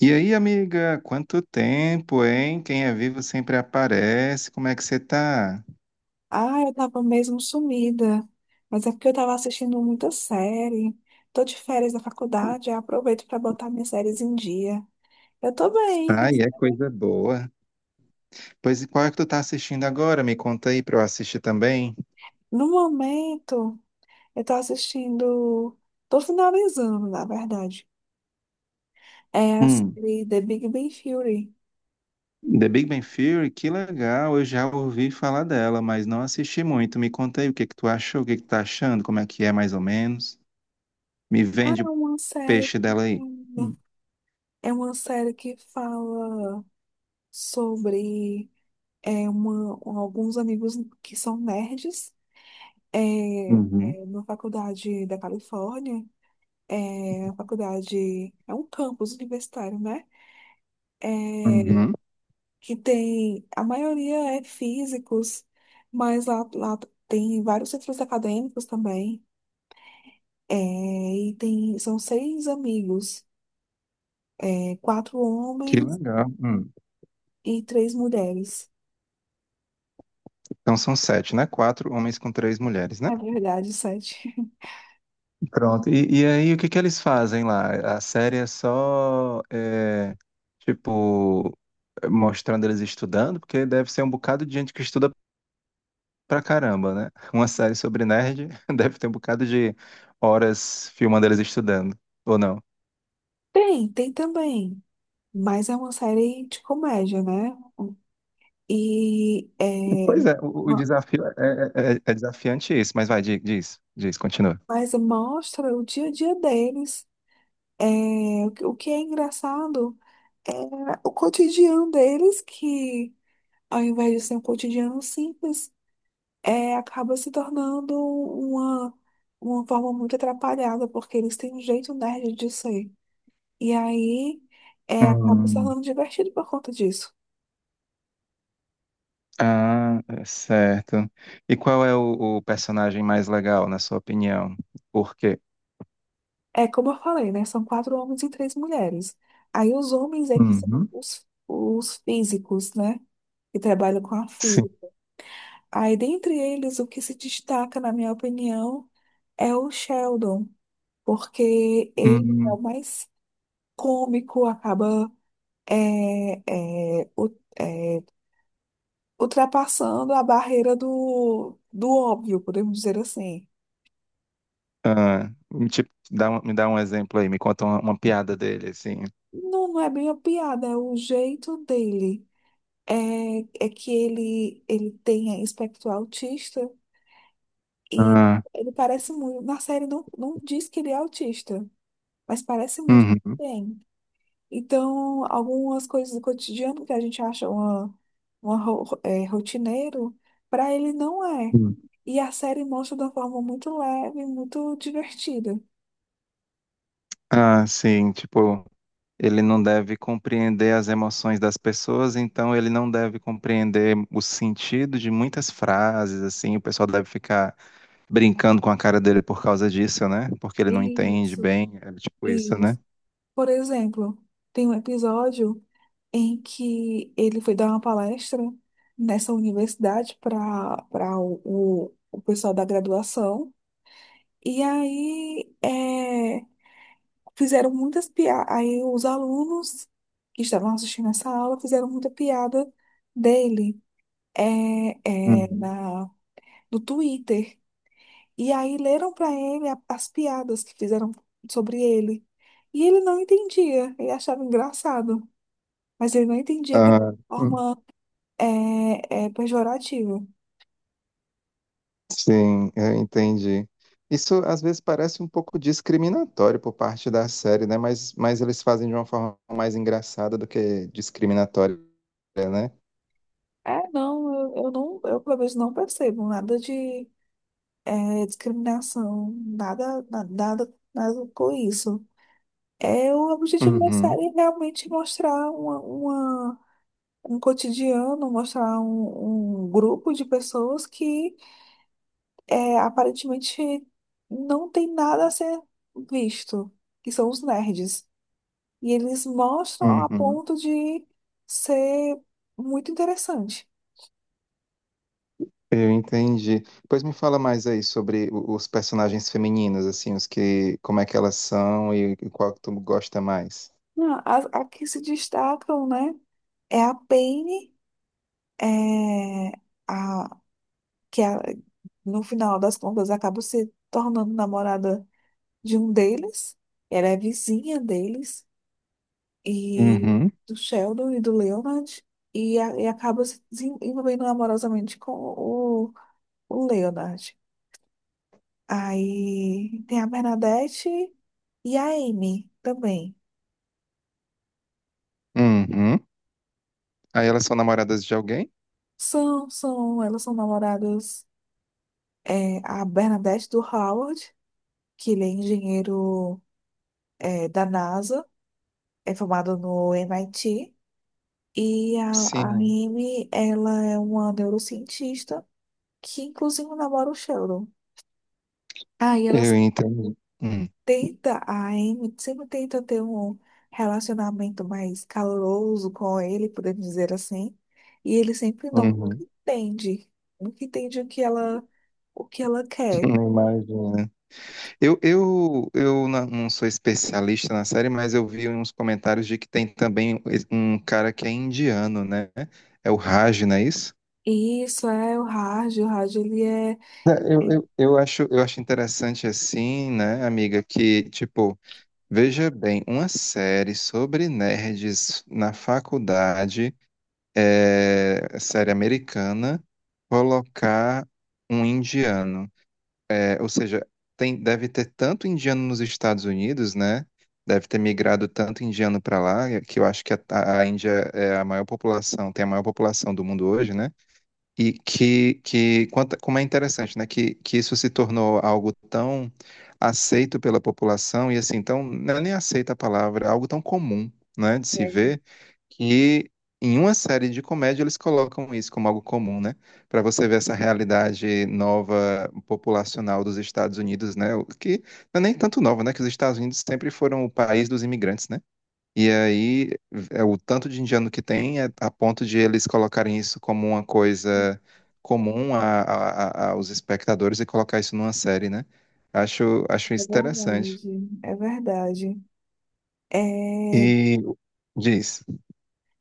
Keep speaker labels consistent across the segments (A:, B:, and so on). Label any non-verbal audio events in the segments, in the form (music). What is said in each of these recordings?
A: E aí, amiga, quanto tempo, hein? Quem é vivo sempre aparece. Como é que você tá?
B: Ah, eu tava mesmo sumida. Mas é porque eu tava assistindo muita série. Tô de férias da faculdade, eu aproveito para botar minhas séries em dia. Eu tô bem,
A: Ai,
B: mas
A: é coisa boa. Pois e qual é que tu tá assistindo agora? Me conta aí pra eu assistir também.
B: no momento eu tô assistindo. Tô finalizando, na verdade. É a
A: Hum,
B: série The Big Bang Theory.
A: The Big Bang Theory, que legal. Eu já ouvi falar dela, mas não assisti muito. Me conta aí o que que tu achou, o que que tu tá achando, como é que é mais ou menos. Me
B: Ah, é
A: vende o
B: uma série
A: peixe dela aí.
B: linda.
A: Hum,
B: É uma série que fala sobre uma, alguns amigos que são nerds. É,
A: Uhum,
B: é uma faculdade da Califórnia, é uma faculdade, é um campus universitário, né? É,
A: uhum.
B: que tem, a maioria é físicos, mas lá tem vários centros acadêmicos também. É, e tem, são seis amigos, é, quatro
A: Que
B: homens
A: legal. Hum.
B: e três mulheres.
A: Então são sete, né? Quatro homens com três mulheres, né?
B: É verdade, sete. (laughs)
A: Pronto. E aí, o que que eles fazem lá? A série é tipo, mostrando eles estudando, porque deve ser um bocado de gente que estuda pra caramba, né? Uma série sobre nerd (laughs) deve ter um bocado de horas filmando eles estudando, ou não?
B: Tem, tem também, mas é uma série de comédia, né? E é,
A: Pois é, o desafio é desafiante isso, mas vai, diz, continua.
B: mas mostra o dia a dia deles. É, o que é engraçado é o cotidiano deles, que ao invés de ser um cotidiano simples, é, acaba se tornando uma forma muito atrapalhada, porque eles têm um jeito nerd de ser. E aí é, acaba se
A: Hum.
B: tornando divertido por conta disso.
A: Ah, é certo. E qual é o personagem mais legal, na sua opinião? Por quê?
B: É como eu falei, né? São quatro homens e três mulheres. Aí os homens é que são
A: Uhum.
B: os físicos, né? Que trabalham com a física. Aí, dentre eles, o que se destaca, na minha opinião, é o Sheldon, porque ele é
A: Hum,
B: o mais cômico, acaba é, é, u- é, ultrapassando a barreira do óbvio, podemos dizer assim.
A: ah, me dá um exemplo aí, me conta uma piada dele, assim.
B: Não, não é bem uma piada, é o jeito dele. É, é que ele tem espectro autista e
A: Ah,
B: ele parece muito. Na série não, não diz que ele é autista, mas parece muito que
A: uhum,
B: tem. Então, algumas coisas do cotidiano que a gente acha uma, uma rotineiro, para ele não é.
A: hum.
B: E a série mostra de uma forma muito leve, muito divertida.
A: Ah, sim, tipo, ele não deve compreender as emoções das pessoas, então ele não deve compreender o sentido de muitas frases, assim, o pessoal deve ficar brincando com a cara dele por causa disso, né? Porque ele não entende
B: Isso.
A: bem, é tipo isso, né?
B: Isso, por exemplo, tem um episódio em que ele foi dar uma palestra nessa universidade para o pessoal da graduação. E aí, é, fizeram muitas piadas. Aí os alunos que estavam assistindo essa aula fizeram muita piada dele é,
A: Uhum.
B: na, no Twitter. E aí leram para ele a- as piadas que fizeram sobre ele. E ele não entendia, ele achava engraçado, mas ele não entendia que era
A: Ah,
B: uma forma pejorativa.
A: Sim, eu entendi. Isso às vezes parece um pouco discriminatório por parte da série, né? Mas eles fazem de uma forma mais engraçada do que discriminatória, né?
B: É, não, eu não, eu pelo menos não percebo nada de é, discriminação, nada, na- nada, nada com isso. É, o objetivo da
A: Uhum,
B: série é realmente mostrar uma- um cotidiano, mostrar um, um grupo de pessoas que é, aparentemente não tem nada a ser visto, que são os nerds. E eles mostram a
A: uhum.
B: ponto de ser muito interessante.
A: Eu entendi. Pois me fala mais aí sobre os personagens femininos, assim, os que, como é que elas são e qual que tu gosta mais.
B: Não, as- a que se destacam, né? É a Penny, é, a, que a- no final das contas acaba se tornando namorada de um deles. Ela é vizinha deles e
A: Uhum,
B: do Sheldon e do Leonard e, a- e acaba se desen- envolvendo amorosamente com o Leonard. Aí tem a Bernadette e a Amy também.
A: uhum. Aí elas são namoradas de alguém?
B: São, são, elas são namoradas. É, a Bernadette do Howard, que ele é engenheiro é, da NASA, é formado no MIT. E a
A: Sim,
B: Amy, ela é uma neurocientista que, inclusive, namora o Sheldon. Aí ela
A: eu
B: se-
A: entendi. Uhum,
B: tenta, a Amy sempre tenta ter um relacionamento mais caloroso com ele, podemos dizer assim. E ele sempre não
A: uhum.
B: entende, nunca entende o que ela quer.
A: Não imagino. Não sou especialista na série, mas eu vi uns comentários de que tem também um cara que é indiano, né? É o Raj, não é isso?
B: E isso é o Raj, ele é...
A: É, eu acho interessante assim, né, amiga, que, tipo, veja bem, uma série sobre nerds na faculdade, é, série americana, colocar um indiano. É, ou seja, tem, deve ter tanto indiano nos Estados Unidos, né? Deve ter migrado tanto indiano para lá, que eu acho que a Índia é a maior população, tem a maior população do mundo hoje, né? E que, como é interessante, né? Que isso se tornou algo tão aceito pela população, e assim, então, não é nem aceita a palavra, é algo tão comum, né, de se
B: É,
A: ver, que em uma série de comédia eles colocam isso como algo comum, né? Para você ver essa realidade nova populacional dos Estados Unidos, né? o Que não é nem tanto nova, né? Que os Estados Unidos sempre foram o país dos imigrantes, né? E aí, é o tanto de indiano que tem é a ponto de eles colocarem isso como uma coisa comum aos espectadores e colocar isso numa série, né? Acho, acho
B: é
A: isso interessante.
B: verdade, é verdade. É,
A: E diz.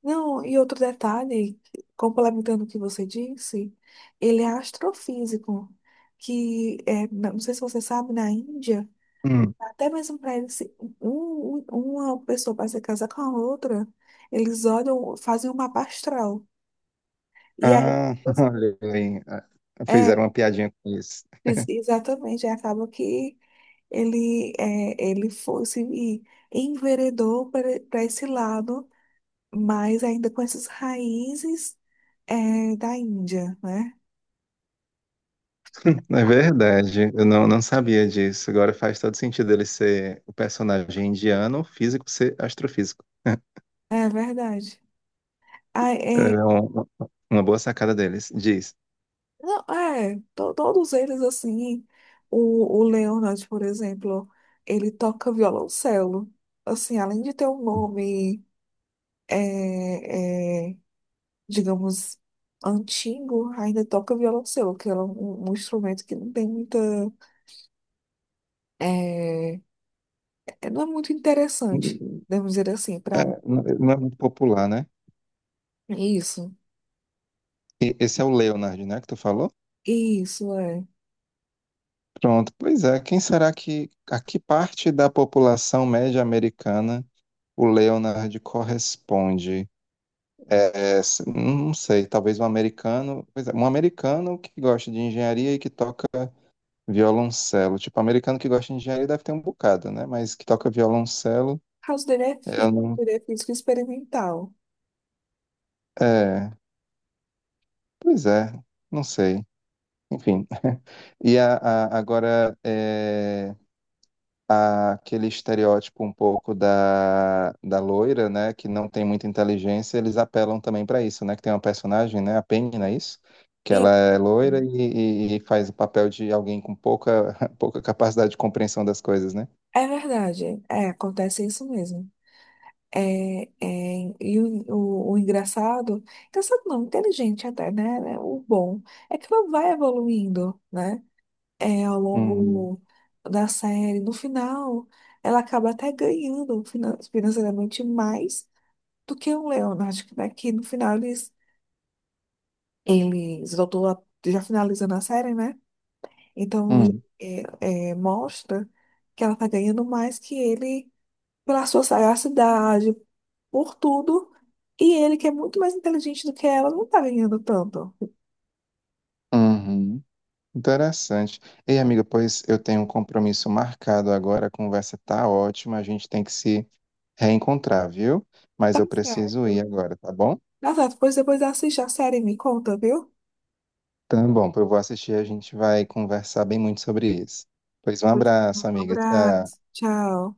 B: não, e outro detalhe, complementando o que você disse, ele é astrofísico, que é, não sei se você sabe, na Índia,
A: Hum.
B: até mesmo para eles, se- um- um, uma pessoa para se casar com a outra, eles olham, fazem um mapa astral. E aí,
A: Ah, (laughs) olha aí. Ah, fizeram
B: é,
A: uma piadinha com isso.
B: ex- exatamente, aí acaba que ele, é, ele foi, se enveredou para esse lado, mas ainda com essas raízes, é, da Índia, né?
A: É verdade, eu não, não sabia disso. Agora faz todo sentido ele ser o personagem indiano, físico ser astrofísico.
B: É verdade. Ah, é,
A: É uma boa sacada deles. Diz.
B: não, é, to- todos eles, assim, o Leonard, por exemplo, ele toca violoncelo. Assim, além de ter um nome, é, é, digamos, antigo, ainda toca violoncelo, que é um, um instrumento que não tem muita, é, é- não é muito interessante, devemos dizer assim, para
A: Não, não é muito popular, né?
B: isso,
A: Esse é o Leonard, né, que tu falou?
B: isso, é. O
A: Pronto, pois é. Quem será que, a que parte da população média americana o Leonard corresponde? Não sei, talvez um americano, pois é, um americano que gosta de engenharia e que toca violoncelo. Tipo, americano que gosta de engenharia deve ter um bocado, né? Mas que toca violoncelo,
B: caso dele é
A: eu
B: físico,
A: não,
B: ele é físico experimental.
A: é, pois é, não sei. Enfim. (laughs) E agora, é, aquele estereótipo um pouco da loira, né, que não tem muita inteligência, eles apelam também para isso, né, que tem uma personagem, né, a Penny, não é isso? Que
B: E
A: ela é loira e, e faz o papel de alguém com pouca, (laughs) pouca capacidade de compreensão das coisas, né?
B: é verdade, é, acontece isso mesmo. E o engraçado, engraçado não, inteligente até, né? Né, o bom é que ela vai evoluindo, né? É, ao
A: Uhum.
B: longo da série. No final, ela acaba até ganhando finan- financeiramente mais do que o Leonard, né? Que no final eles, eles voltou a- já finalizando a série, né? Então,
A: Hum.
B: é, é, mostra que ela tá ganhando mais que ele pela sua sagacidade, por tudo. E ele, que é muito mais inteligente do que ela, não tá ganhando tanto.
A: Uhum. Interessante. Ei, amiga, pois eu tenho um compromisso marcado agora, a conversa tá ótima, a gente tem que se reencontrar, viu? Mas
B: Tá
A: eu preciso
B: certo.
A: ir agora, tá bom?
B: Tá certo, pois depois assiste a série e me conta, viu?
A: Tá bom, eu vou assistir, e a gente vai conversar bem muito sobre isso. Pois um
B: Um
A: abraço, amiga. Tchau.
B: abraço. Tchau.